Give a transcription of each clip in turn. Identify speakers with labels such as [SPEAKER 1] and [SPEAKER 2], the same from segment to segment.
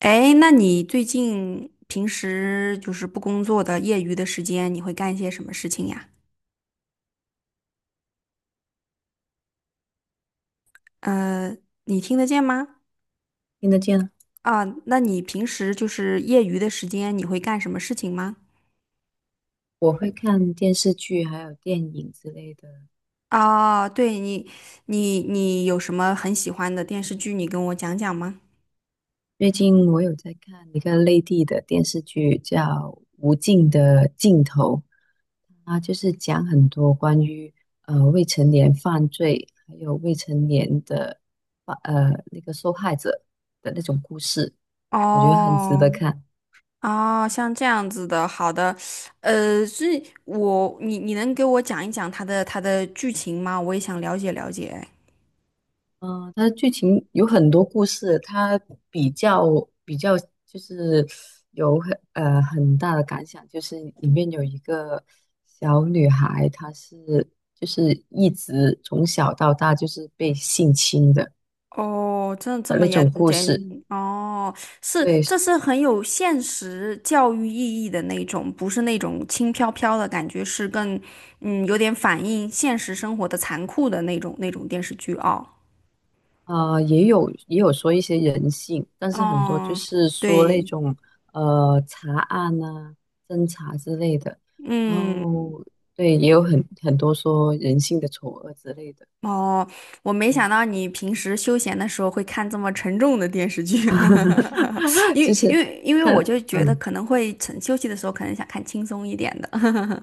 [SPEAKER 1] 哎，那你最近平时就是不工作的业余的时间，你会干一些什么事情呀？呃，你听得见吗？
[SPEAKER 2] 听得见啊。
[SPEAKER 1] 啊，那你平时就是业余的时间，你会干什么事情吗？
[SPEAKER 2] 我会看电视剧还有电影之类的。
[SPEAKER 1] 啊，对你，你有什么很喜欢的电视剧，你跟我讲讲吗？
[SPEAKER 2] 最近我有在看一个内地的电视剧，叫《无尽的尽头》，它就是讲很多关于未成年犯罪，还有未成年的那个受害者的那种故事，我觉得很值
[SPEAKER 1] 哦，
[SPEAKER 2] 得看。
[SPEAKER 1] 哦，像这样子的，好的，呃，所以我，你能给我讲一讲它的剧情吗？我也想了解了解。
[SPEAKER 2] 它的剧情有很多故事，它比较比较就是有很大的感想，就是里面有一个小女孩，她是就是一直从小到大就是被性侵的
[SPEAKER 1] 哦，真的这
[SPEAKER 2] 的
[SPEAKER 1] 么
[SPEAKER 2] 那
[SPEAKER 1] 严
[SPEAKER 2] 种故事。
[SPEAKER 1] 谨？哦，是，
[SPEAKER 2] 对，
[SPEAKER 1] 这是很有现实教育意义的那种，不是那种轻飘飘的感觉，是更有点反映现实生活的残酷的那种电视剧哦。
[SPEAKER 2] 啊，也有说一些人性，但是很多就
[SPEAKER 1] 哦，
[SPEAKER 2] 是说那
[SPEAKER 1] 对，
[SPEAKER 2] 种查案呐、侦查之类的，然
[SPEAKER 1] 嗯，
[SPEAKER 2] 后对，也有很多说人性的丑恶之类的。
[SPEAKER 1] 哦，我没
[SPEAKER 2] 对，
[SPEAKER 1] 想到你平时休闲的时候会看这么沉重的电视剧，因
[SPEAKER 2] 就
[SPEAKER 1] 为因
[SPEAKER 2] 是
[SPEAKER 1] 为因为我
[SPEAKER 2] 看
[SPEAKER 1] 就觉得
[SPEAKER 2] 嗯，
[SPEAKER 1] 可能会趁休息的时候可能想看轻松一点的。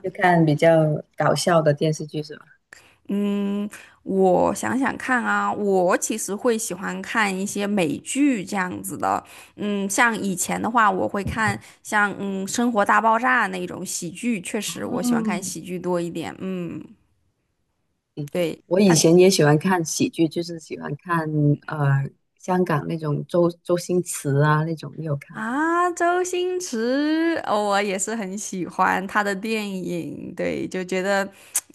[SPEAKER 2] 就看比较搞笑的电视剧是吧？
[SPEAKER 1] 嗯，我想想看啊，我其实会喜欢看一些美剧这样子的。嗯，像以前的话，我会看像《生活大爆炸》那种喜剧，确实我喜欢看
[SPEAKER 2] 哦，
[SPEAKER 1] 喜剧多一点。嗯，对。
[SPEAKER 2] 我以前也喜欢看喜剧，就是喜欢看呃香港那种周星驰啊那种，你有看过吗？
[SPEAKER 1] 啊，周星驰，哦，我也是很喜欢他的电影，对，就觉得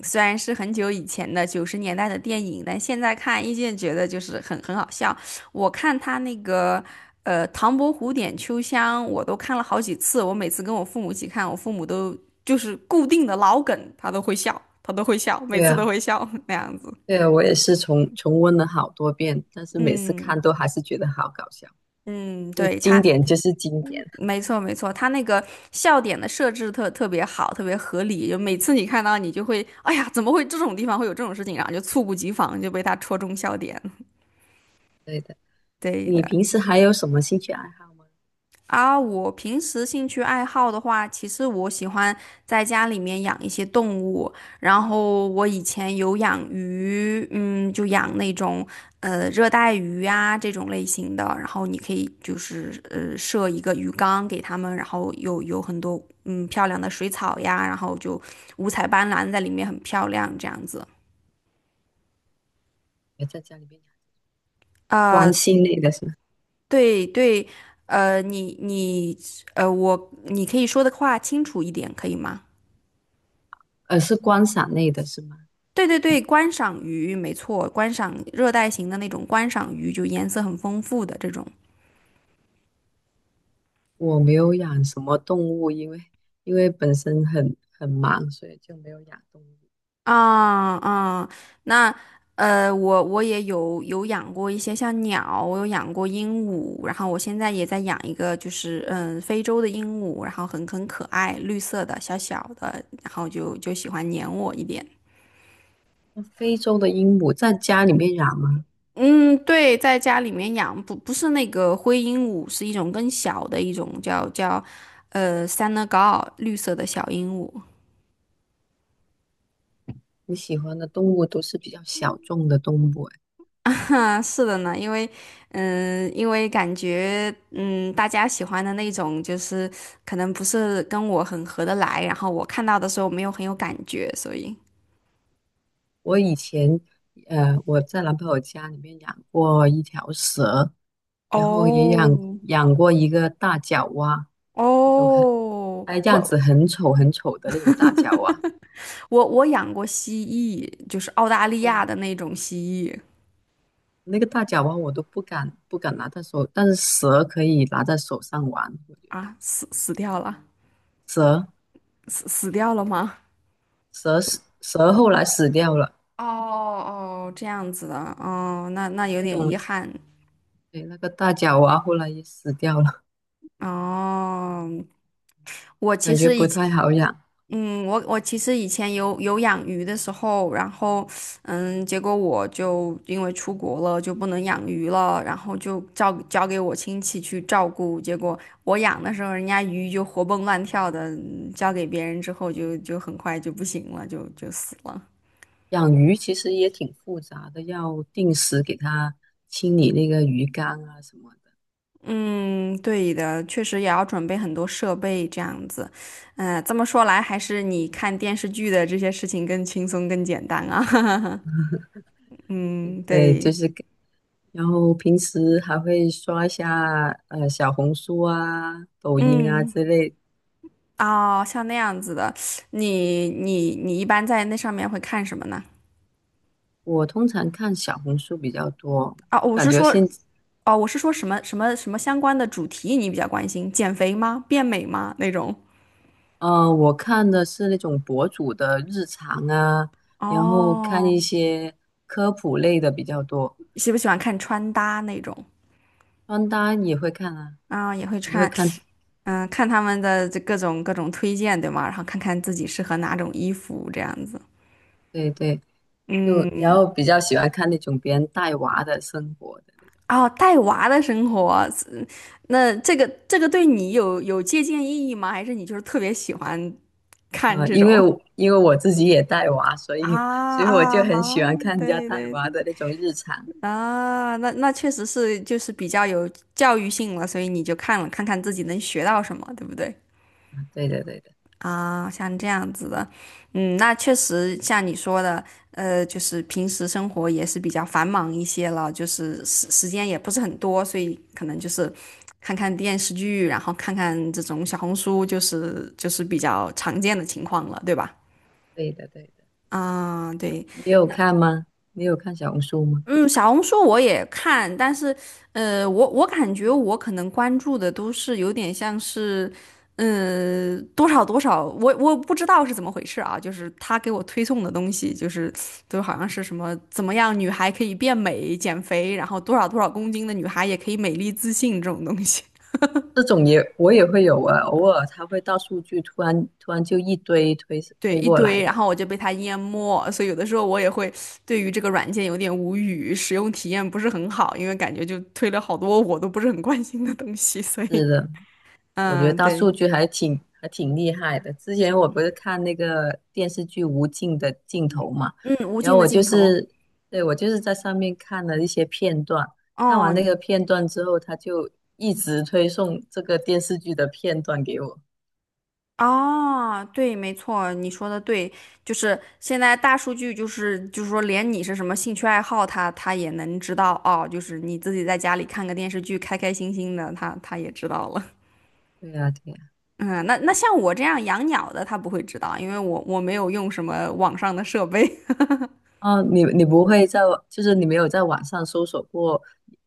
[SPEAKER 1] 虽然是很久以前的九十年代的电影，但现在看依旧觉得就是很好笑。我看他那个《唐伯虎点秋香》，我都看了好几次，我每次跟我父母一起看，我父母都就是固定的老梗，他都会笑，他都会笑，每
[SPEAKER 2] 对
[SPEAKER 1] 次都
[SPEAKER 2] 啊。
[SPEAKER 1] 会笑 那样子。
[SPEAKER 2] 对，我也是重温了好多遍，但是每次
[SPEAKER 1] 嗯
[SPEAKER 2] 看都还是觉得好搞笑，
[SPEAKER 1] 嗯，
[SPEAKER 2] 因为
[SPEAKER 1] 对，
[SPEAKER 2] 经
[SPEAKER 1] 他。
[SPEAKER 2] 典就是经典。
[SPEAKER 1] 没错，没错，他那个笑点的设置特别好，特别合理。就每次你看到，你就会，哎呀，怎么会这种地方会有这种事情，然后就猝不及防就被他戳中笑点。
[SPEAKER 2] 对的，
[SPEAKER 1] 对的，
[SPEAKER 2] 你平时还有什么兴趣爱好吗？
[SPEAKER 1] 啊，我平时兴趣爱好的话，其实我喜欢在家里面养一些动物，然后我以前有养鱼，嗯，就养那种热带鱼呀这种类型的，然后你可以就是设一个鱼缸给它们，然后有很多漂亮的水草呀，然后就五彩斑斓在里面很漂亮这样子。
[SPEAKER 2] 也在家里面养观
[SPEAKER 1] 呃，
[SPEAKER 2] 星类的是吗？
[SPEAKER 1] 对对，呃，你你你可以说的话清楚一点，可以吗？
[SPEAKER 2] 是观赏类的是吗？
[SPEAKER 1] 对对对，观赏鱼没错，观赏热带型的那种观赏鱼，就颜色很丰富的这种。
[SPEAKER 2] 我没有养什么动物，因为因为本身很忙，所以就没有养动物。
[SPEAKER 1] 啊啊，那我也有养过一些像鸟，我有养过鹦鹉，然后我现在也在养一个，就是非洲的鹦鹉，然后很可爱，绿色的小小的，然后就喜欢粘我一点。
[SPEAKER 2] 那非洲的鹦鹉在家里面养吗？
[SPEAKER 1] 嗯，对，在家里面养不是那个灰鹦鹉，是一种更小的一种叫Senegal 绿色的小鹦鹉。
[SPEAKER 2] 你喜欢的动物都是比较小众的动物哎。
[SPEAKER 1] 嗯，是的呢，因为感觉，大家喜欢的那种，就是可能不是跟我很合得来，然后我看到的时候没有很有感觉，所以，
[SPEAKER 2] 我以前，我在男朋友家里面养过一条蛇，然后也
[SPEAKER 1] 哦，
[SPEAKER 2] 养过一个大脚蛙，那种很，
[SPEAKER 1] 哦，
[SPEAKER 2] 哎，样
[SPEAKER 1] 我
[SPEAKER 2] 子很丑很丑的那种大脚蛙。
[SPEAKER 1] 我我养过蜥蜴，就是澳大利亚
[SPEAKER 2] 哇，
[SPEAKER 1] 的那种蜥蜴
[SPEAKER 2] 那个大脚蛙我都不敢拿在手，但是蛇可以拿在手上玩。我觉得
[SPEAKER 1] 啊，死掉了，
[SPEAKER 2] 蛇
[SPEAKER 1] 死掉了吗？
[SPEAKER 2] 蛇后来死掉了。
[SPEAKER 1] 哦哦，这样子的，哦，那有
[SPEAKER 2] 那
[SPEAKER 1] 点遗
[SPEAKER 2] 种，
[SPEAKER 1] 憾。
[SPEAKER 2] 对，那个大脚蛙后来也死掉了，
[SPEAKER 1] 哦，我其
[SPEAKER 2] 感觉
[SPEAKER 1] 实已
[SPEAKER 2] 不
[SPEAKER 1] 经
[SPEAKER 2] 太好养。
[SPEAKER 1] 我其实以前有养鱼的时候，然后结果我就因为出国了就不能养鱼了，然后就交给我亲戚去照顾。结果我养的时候，人家鱼就活蹦乱跳的，交给别人之后就很快就不行了，就死了。
[SPEAKER 2] 养鱼其实也挺复杂的，要定时给它清理那个鱼缸啊什么的。
[SPEAKER 1] 嗯，对的，确实也要准备很多设备这样子。嗯，这么说来，还是你看电视剧的这些事情更轻松、更简单啊。嗯，
[SPEAKER 2] 对，就
[SPEAKER 1] 对，
[SPEAKER 2] 是给，然后平时还会刷一下小红书啊、抖音啊
[SPEAKER 1] 嗯。
[SPEAKER 2] 之类。
[SPEAKER 1] 哦，像那样子的，你一般在那上面会看什么呢？
[SPEAKER 2] 我通常看小红书比较多，
[SPEAKER 1] 啊，我
[SPEAKER 2] 感
[SPEAKER 1] 是
[SPEAKER 2] 觉
[SPEAKER 1] 说，
[SPEAKER 2] 现
[SPEAKER 1] 哦，我是说什么相关的主题你比较关心？减肥吗？变美吗？那种？
[SPEAKER 2] 呃我看的是那种博主的日常啊，然后看一
[SPEAKER 1] 哦，
[SPEAKER 2] 些科普类的比较多，
[SPEAKER 1] 喜不喜欢看穿搭那种？
[SPEAKER 2] 穿搭也会看啊，
[SPEAKER 1] 啊，也会
[SPEAKER 2] 也会
[SPEAKER 1] 看，
[SPEAKER 2] 看。
[SPEAKER 1] 嗯，看他们的这各种推荐，对吗？然后看看自己适合哪种衣服这样子。
[SPEAKER 2] 对对。就然
[SPEAKER 1] 嗯，
[SPEAKER 2] 后比较喜欢看那种别人带娃的生活的。
[SPEAKER 1] 哦，带娃的生活，那这个对你有借鉴意义吗？还是你就是特别喜欢看这
[SPEAKER 2] 因为
[SPEAKER 1] 种？
[SPEAKER 2] 我因为我自己也带娃，所
[SPEAKER 1] 啊
[SPEAKER 2] 以所以我
[SPEAKER 1] 啊
[SPEAKER 2] 就很
[SPEAKER 1] 啊！
[SPEAKER 2] 喜欢看人家
[SPEAKER 1] 对
[SPEAKER 2] 带
[SPEAKER 1] 对
[SPEAKER 2] 娃
[SPEAKER 1] 对
[SPEAKER 2] 的那种日常。
[SPEAKER 1] 啊，那确实是就是比较有教育性了，所以你就看了看看自己能学到什么，对不对？
[SPEAKER 2] 对的，对的，
[SPEAKER 1] 啊，像这样子的，嗯，那确实像你说的，就是平时生活也是比较繁忙一些了，就是时间也不是很多，所以可能就是看看电视剧，然后看看这种小红书，就是比较常见的情况了，对吧？
[SPEAKER 2] 对的，对的。
[SPEAKER 1] 啊，对，
[SPEAKER 2] 你有看吗？你有看小红书吗？
[SPEAKER 1] 嗯，小红书我也看，但是，我感觉我可能关注的都是有点像是。多少多少，我不知道是怎么回事啊，就是他给我推送的东西，就是都好像是什么怎么样女孩可以变美、减肥，然后多少多少公斤的女孩也可以美丽自信这种东西，
[SPEAKER 2] 这种也我也会有啊，偶尔他会大数据突然就一堆推
[SPEAKER 1] 对
[SPEAKER 2] 推
[SPEAKER 1] 一
[SPEAKER 2] 过来
[SPEAKER 1] 堆，然
[SPEAKER 2] 的。
[SPEAKER 1] 后我就被他淹没，所以有的时候我也会对于这个软件有点无语，使用体验不是很好，因为感觉就推了好多我都不是很关心的东西，所以
[SPEAKER 2] 是的，我觉得
[SPEAKER 1] 嗯，
[SPEAKER 2] 大
[SPEAKER 1] 对，
[SPEAKER 2] 数据还挺厉害的。之前我不是看那个电视剧《无尽的尽头》嘛，
[SPEAKER 1] 嗯，无
[SPEAKER 2] 然后
[SPEAKER 1] 尽的
[SPEAKER 2] 我就
[SPEAKER 1] 镜头。
[SPEAKER 2] 是，对，我就是在上面看了一些片段，看完
[SPEAKER 1] 哦，
[SPEAKER 2] 那个片段之后，他就一直推送这个电视剧的片段给我。
[SPEAKER 1] 哦，对，没错，你说的对，就是现在大数据，就是说，连你是什么兴趣爱好他也能知道哦。就是你自己在家里看个电视剧，开开心心的，他也知道了。
[SPEAKER 2] 对呀，对呀。
[SPEAKER 1] 嗯，那像我这样养鸟的，他不会知道，因为我没有用什么网上的设备。
[SPEAKER 2] 哦，你你不会在，就是你没有在网上搜索过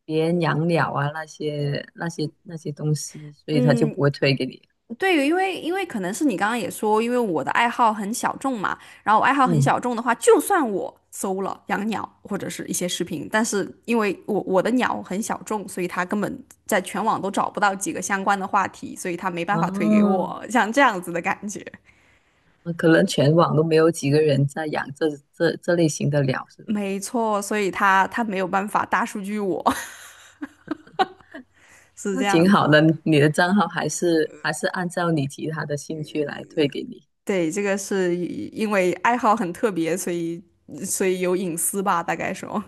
[SPEAKER 2] 别人养鸟啊那些东西，所以他就
[SPEAKER 1] 嗯，
[SPEAKER 2] 不会推给你。
[SPEAKER 1] 对，因为可能是你刚刚也说，因为我的爱好很小众嘛，然后我爱好很
[SPEAKER 2] 嗯，
[SPEAKER 1] 小众的话，就算我搜了养鸟或者是一些视频，但是因为我的鸟很小众，所以它根本在全网都找不到几个相关的话题，所以它没办法推给
[SPEAKER 2] 哦，
[SPEAKER 1] 我，像这样子的感觉。
[SPEAKER 2] 可能全网都没有几个人在养这类型的鸟，是吧？
[SPEAKER 1] 没错，所以它没有办法大数据我，是
[SPEAKER 2] 那
[SPEAKER 1] 这
[SPEAKER 2] 挺
[SPEAKER 1] 样
[SPEAKER 2] 好
[SPEAKER 1] 子。
[SPEAKER 2] 的，你的账号还是还是按照你其他的兴趣来推给你。
[SPEAKER 1] 对，这个是因为爱好很特别，所以有隐私吧，大概说。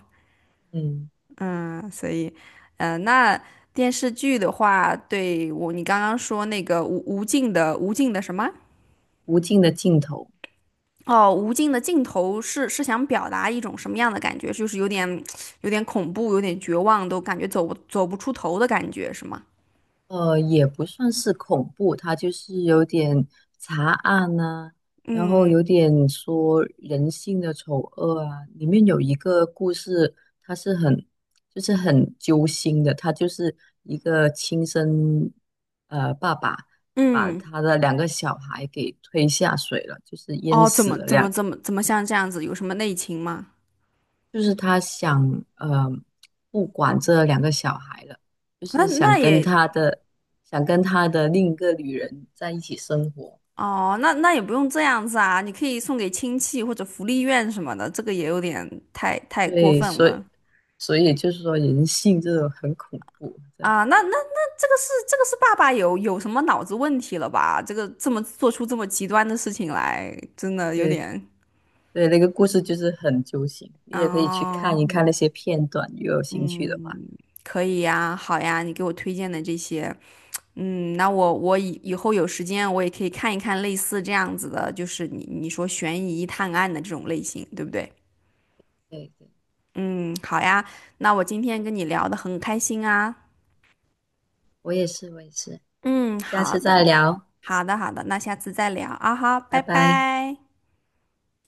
[SPEAKER 2] 嗯，
[SPEAKER 1] 嗯，所以，那电视剧的话，对我，你刚刚说那个无尽的什么？
[SPEAKER 2] 无尽的尽头。
[SPEAKER 1] 哦，无尽的尽头是想表达一种什么样的感觉？就是有点恐怖，有点绝望，都感觉走不出头的感觉，是吗？
[SPEAKER 2] 也不算是恐怖，它就是有点查案呐、然后
[SPEAKER 1] 嗯
[SPEAKER 2] 有点说人性的丑恶啊。里面有一个故事，它是很就是很揪心的，他就是一个亲生爸爸把
[SPEAKER 1] 嗯，
[SPEAKER 2] 他的两个小孩给推下水了，就是淹
[SPEAKER 1] 哦，怎
[SPEAKER 2] 死
[SPEAKER 1] 么
[SPEAKER 2] 了
[SPEAKER 1] 怎
[SPEAKER 2] 两
[SPEAKER 1] 么怎么怎么像这样子？有什么内情吗？
[SPEAKER 2] 就是他想呃不管这两个小孩了，就
[SPEAKER 1] 那
[SPEAKER 2] 是想
[SPEAKER 1] 那
[SPEAKER 2] 跟
[SPEAKER 1] 也
[SPEAKER 2] 他的想跟他的另一个女人在一起生活。
[SPEAKER 1] 哦，那也不用这样子啊，你可以送给亲戚或者福利院什么的，这个也有点太过
[SPEAKER 2] 对，
[SPEAKER 1] 分
[SPEAKER 2] 所以
[SPEAKER 1] 了。
[SPEAKER 2] 所以就是说人性这种很恐怖，真的
[SPEAKER 1] 啊，那这个是爸爸有什么脑子问题了吧？这个这么做出这么极端的事情来，真的有
[SPEAKER 2] 对
[SPEAKER 1] 点，
[SPEAKER 2] 对，那个故事就是很揪心，你也可以去
[SPEAKER 1] 哦，
[SPEAKER 2] 看一看
[SPEAKER 1] 嗯，
[SPEAKER 2] 那些片段，如果有兴趣的话。
[SPEAKER 1] 嗯可以呀，好呀，你给我推荐的这些，嗯，那我以后有时间我也可以看一看类似这样子的，就是你说悬疑探案的这种类型，对不对？
[SPEAKER 2] 对对，
[SPEAKER 1] 嗯，好呀，那我今天跟你聊的很开心啊，
[SPEAKER 2] 我也是，我也是，
[SPEAKER 1] 嗯，
[SPEAKER 2] 那下
[SPEAKER 1] 好
[SPEAKER 2] 次再
[SPEAKER 1] 的，
[SPEAKER 2] 聊，
[SPEAKER 1] 好的，好的，那下次再聊啊哈，
[SPEAKER 2] 拜
[SPEAKER 1] 拜
[SPEAKER 2] 拜。
[SPEAKER 1] 拜。